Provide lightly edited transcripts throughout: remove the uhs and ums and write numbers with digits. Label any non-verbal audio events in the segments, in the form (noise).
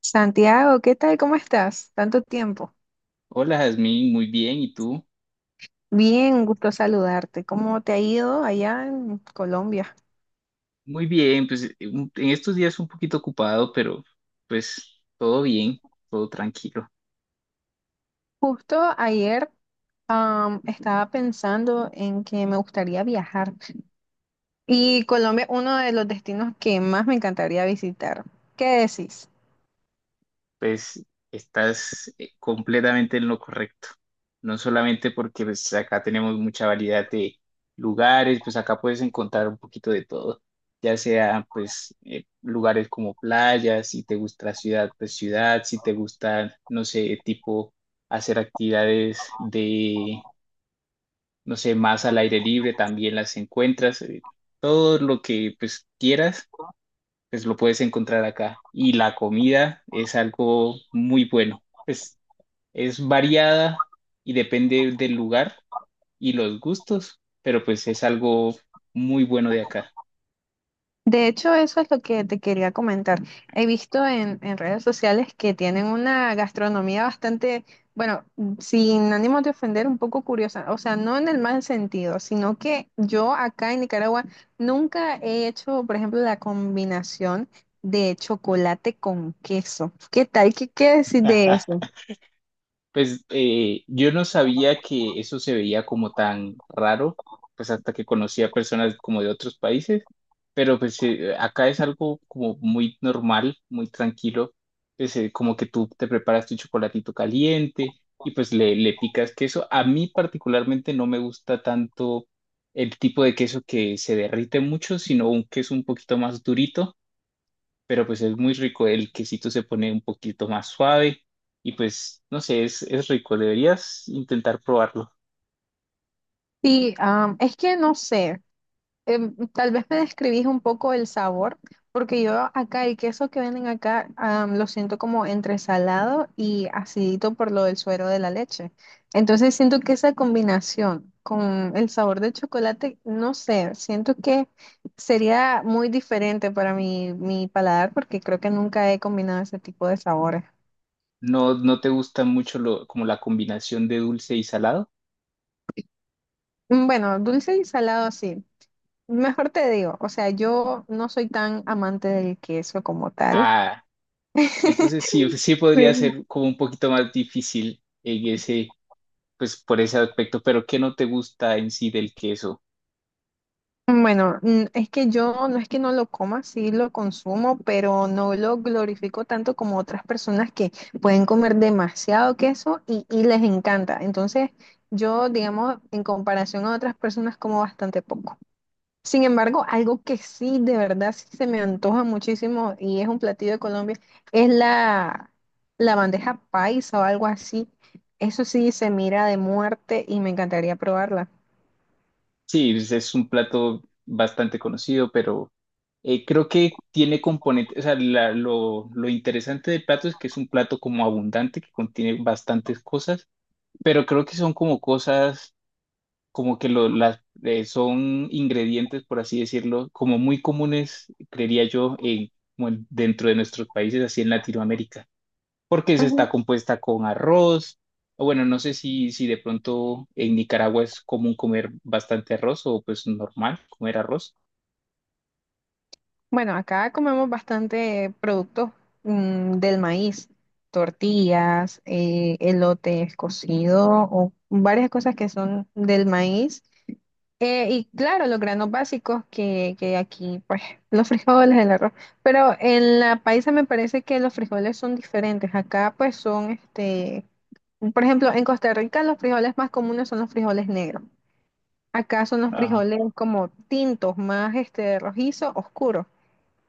Santiago, ¿qué tal? ¿Cómo estás? Tanto tiempo. Hola, Jazmín, muy bien, ¿y tú? Bien, un gusto saludarte. ¿Cómo te ha ido allá en Colombia? Muy bien, pues en estos días un poquito ocupado, pero pues todo bien, todo tranquilo. Justo ayer, estaba pensando en que me gustaría viajar y Colombia es uno de los destinos que más me encantaría visitar. ¿Qué decís? Pues estás completamente en lo correcto. No solamente porque pues, acá tenemos mucha variedad de lugares, pues acá puedes encontrar un poquito de todo, ya sea pues lugares como playas, si te gusta la ciudad, pues ciudad, si te gusta, no sé, tipo hacer actividades de no sé, más al aire libre también las encuentras. Todo lo que pues quieras, pues lo puedes encontrar acá. Y la comida es algo muy bueno. Pues es variada y depende del lugar y los gustos, pero pues es algo muy bueno de acá. De hecho, eso es lo que te quería comentar. He visto en redes sociales que tienen una gastronomía bastante, bueno, sin ánimo de ofender, un poco curiosa. O sea, no en el mal sentido, sino que yo acá en Nicaragua nunca he hecho, por ejemplo, la combinación de chocolate con queso. ¿Qué tal? ¿Qué decir de (laughs) eso? Pues yo no sabía que eso se veía como tan raro, pues hasta que conocí a personas como de otros países, pero pues acá es algo como muy normal, muy tranquilo, pues como que tú te preparas tu chocolatito caliente y pues le picas queso. A mí particularmente no me gusta tanto el tipo de queso que se derrite mucho, sino un queso un poquito más durito, pero pues es muy rico, el quesito se pone un poquito más suave y pues no sé, es rico, deberías intentar probarlo. Sí, es que no sé. Tal vez me describís un poco el sabor, porque yo acá el queso que venden acá lo siento como entre salado y acidito por lo del suero de la leche. Entonces siento que esa combinación con el sabor del chocolate, no sé, siento que sería muy diferente para mi paladar porque creo que nunca he combinado ese tipo de sabores. ¿No, no te gusta mucho lo, como la combinación de dulce y salado? Mm, bueno, dulce y salado sí. Mejor te digo, o sea, yo no soy tan amante del queso como tal. Ah, entonces sí, pues, sí Sí. podría ser como un poquito más difícil en ese, pues por ese aspecto, pero ¿qué no te gusta en sí del queso? Bueno, mm, es que yo no es que no lo coma, sí lo consumo, pero no lo glorifico tanto como otras personas que pueden comer demasiado queso y les encanta. Entonces, yo, digamos, en comparación a otras personas, como bastante poco. Sin embargo, algo que sí, de verdad, sí se me antoja muchísimo y es un platillo de Colombia, es la bandeja paisa o algo así. Eso sí se mira de muerte y me encantaría probarla. Sí, es un plato bastante conocido, pero creo que tiene componentes, o sea, lo interesante del plato es que es un plato como abundante, que contiene bastantes cosas, pero creo que son como cosas, como que son ingredientes, por así decirlo, como muy comunes, creería yo, como dentro de nuestros países, así en Latinoamérica, porque esa Ujú. está compuesta con arroz. O bueno, no sé si de pronto en Nicaragua es común comer bastante arroz o pues normal comer arroz. Bueno, acá comemos bastante productos del maíz, tortillas, elotes cocidos o varias cosas que son del maíz. Y claro, los granos básicos que aquí, pues, (laughs) los frijoles, el arroz. Pero en la paisa me parece que los frijoles son diferentes. Acá, pues, son, este, por ejemplo, en Costa Rica los frijoles más comunes son los frijoles negros. Acá son los Ah, frijoles como tintos, más, este, rojizo, oscuro.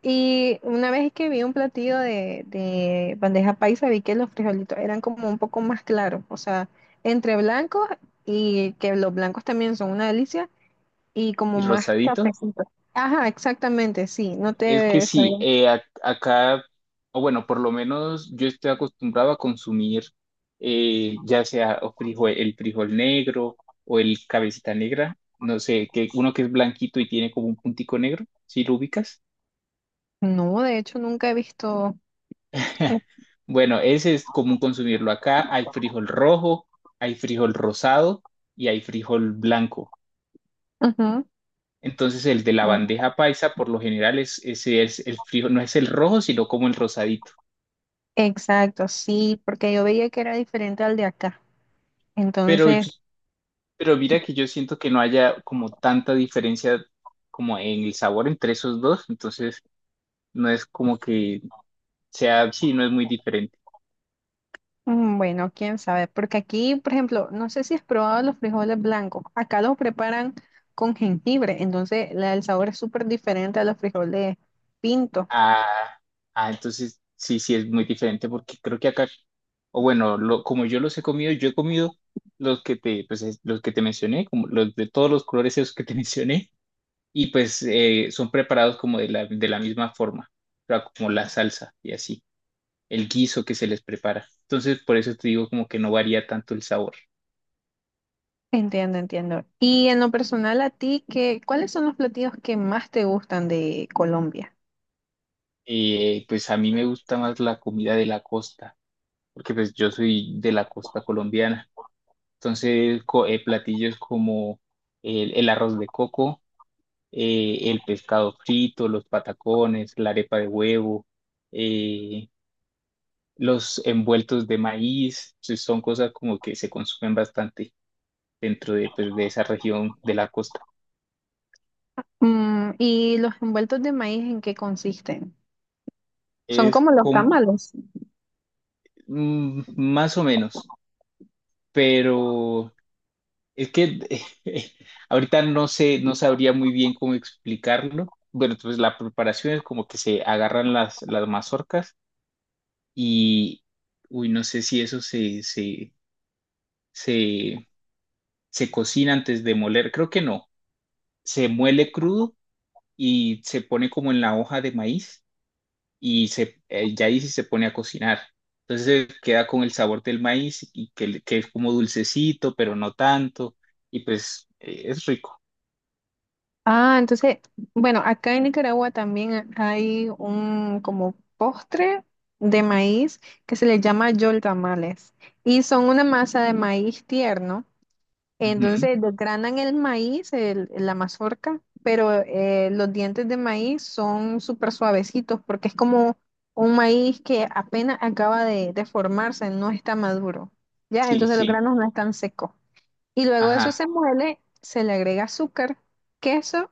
Y una vez que vi un platillo de bandeja paisa, vi que los frijolitos eran como un poco más claros, o sea, entre blancos y que los blancos también son una delicia y como y más rosadito. cafecito. Ajá, exactamente, sí, no Es que te sí, sabía. Acá, o bueno, por lo menos yo estoy acostumbrado a consumir ya sea o frijol, el frijol negro o el cabecita negra, no sé, que uno que es blanquito y tiene como un puntico negro, si lo ubicas. No, de hecho nunca he visto. (laughs) Bueno, ese es común consumirlo acá. Hay frijol rojo, hay frijol rosado y hay frijol blanco. Ujú. Entonces el de la bandeja paisa por lo general es, ese es el frijol, no es el rojo, sino como el rosadito. Exacto, sí, porque yo veía que era diferente al de acá. Pero, Entonces, pero mira que yo siento que no haya como tanta diferencia como en el sabor entre esos dos, entonces no es como que sea, sí, no es muy diferente. mm, bueno, quién sabe, porque aquí, por ejemplo, no sé si has probado los frijoles blancos. Acá los preparan con jengibre, entonces la- el sabor es súper diferente a los frijoles pintos. Ah, ah, entonces sí, sí es muy diferente porque creo que acá, o bueno, como yo los he comido, yo he comido los que te, pues, los que te mencioné, como los de todos los colores esos que te (laughs) mencioné, y pues son preparados como de de la misma forma, o sea, como la salsa y así, el guiso que se les prepara. Entonces, por eso te digo como que no varía tanto el sabor. Entiendo, entiendo. Y en lo personal, a ti, ¿qué, cuáles son los platillos que más te gustan de Colombia? Pues a mí me gusta más la comida de la costa, porque pues yo soy de la costa colombiana. Entonces, platillos como el arroz de coco, el pescado frito, los patacones, la arepa de huevo, eh, los envueltos de maíz, pues, son cosas como que se consumen bastante dentro de, pues, de esa región de la costa. Mm, ¿y los envueltos de maíz en qué consisten? Son Es como los com- tamales. mm, más o menos, pero es que (laughs) ahorita no sé, no sabría muy bien cómo explicarlo. Bueno, entonces la preparación es como que se agarran las mazorcas y, uy, no sé si eso se, se cocina antes de moler, creo que no, se muele crudo y se pone como en la hoja de maíz y ya ahí sí se pone a cocinar. Entonces queda con el sabor del maíz y que, que es como dulcecito, pero no tanto, y pues es rico. Ah, entonces, bueno, acá en Nicaragua también hay un como postre de maíz que se le llama yol tamales y son una masa de maíz tierno. Ujú. Entonces desgranan el maíz, el- la mazorca, pero los dientes de maíz son súper suavecitos porque es como un maíz que apenas acaba de formarse, no está maduro, ¿ya? Sí, Entonces los sí, granos no están secos. Y luego eso ajá, se muele, se le agrega azúcar, queso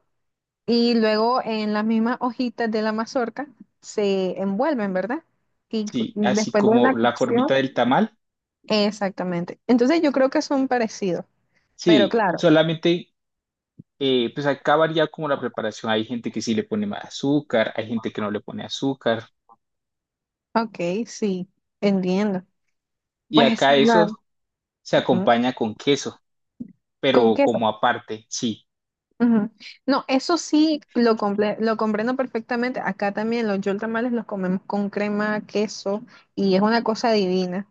y luego en las mismas hojitas de la mazorca se envuelven, ¿verdad? Y cu- sí, así después de una como la formita cocción, del tamal. exactamente. Entonces yo creo que son parecidos, pero Sí, claro. solamente pues acá varía como la preparación. Hay gente que sí le pone más azúcar, hay gente que no le pone azúcar. Ok, sí, entiendo. Y Pues, acá eso claro. se Ujú, acompaña con queso, con pero como queso. aparte, sí. Ujú. No, eso sí lo, comple- lo comprendo perfectamente. Acá también los yol tamales los comemos con crema, queso y es una cosa divina.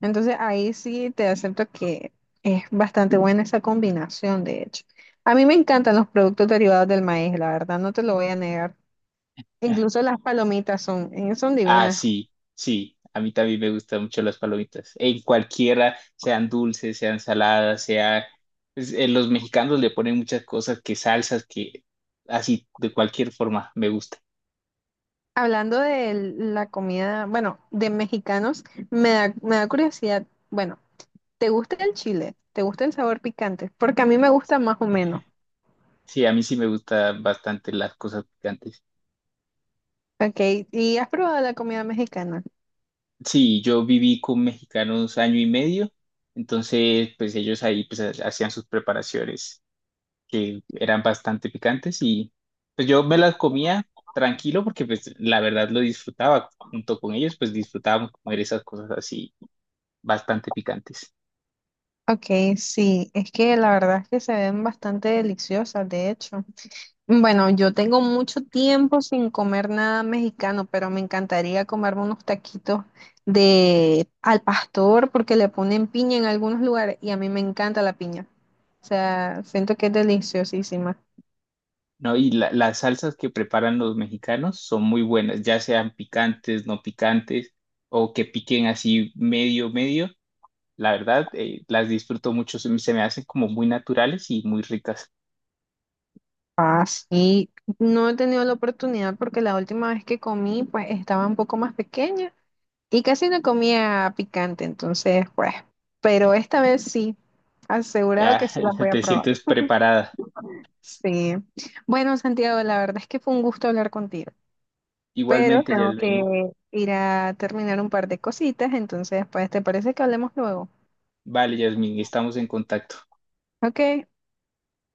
Entonces ahí sí te acepto que es bastante buena esa combinación, de hecho. A mí me encantan los productos derivados del maíz, la verdad, no te lo voy a negar. Incluso las palomitas son, son Ah, divinas. sí, sí. A mí también me gustan mucho las palomitas. En cualquiera, sean dulces, sean saladas, sea… pues, los mexicanos le ponen muchas cosas, que salsas, que así, de cualquier forma, me gusta. Hablando de la comida, bueno, de mexicanos, me da curiosidad. Bueno, ¿te gusta el chile? ¿Te gusta el sabor picante? Porque a mí me gusta más o menos. Sí, a mí sí me gustan bastante las cosas picantes. Ok, ¿y has probado la comida mexicana? Sí, yo viví con mexicanos año y medio, entonces pues ellos ahí pues hacían sus preparaciones que eran bastante picantes y pues yo me las comía tranquilo porque pues la verdad lo disfrutaba junto con ellos, pues disfrutábamos comer esas cosas así bastante picantes, Ok, sí, es que la verdad es que se ven bastante deliciosas, de hecho. Bueno, yo tengo mucho tiempo sin comer nada mexicano, pero me encantaría comerme unos taquitos de al pastor porque le ponen piña en algunos lugares y a mí me encanta la piña. O sea, siento que es deliciosísima. ¿no? Y las salsas que preparan los mexicanos son muy buenas, ya sean picantes, no picantes o que piquen así medio, medio. La verdad, las disfruto mucho, se me hacen como muy naturales y muy ricas. Ah, sí. No he tenido la oportunidad porque la última vez que comí, pues estaba un poco más pequeña y casi no comía picante, entonces, pues, pero esta vez sí, asegurado que Ya sí la voy (laughs) a te probar. sientes preparada. Sí. Bueno, Santiago, la verdad es que fue un gusto hablar contigo, pero Igualmente, tengo Yasmin. que ir a terminar un par de cositas, entonces, pues, ¿te parece que hablemos luego? Vale, Yasmin, estamos en contacto. Ok,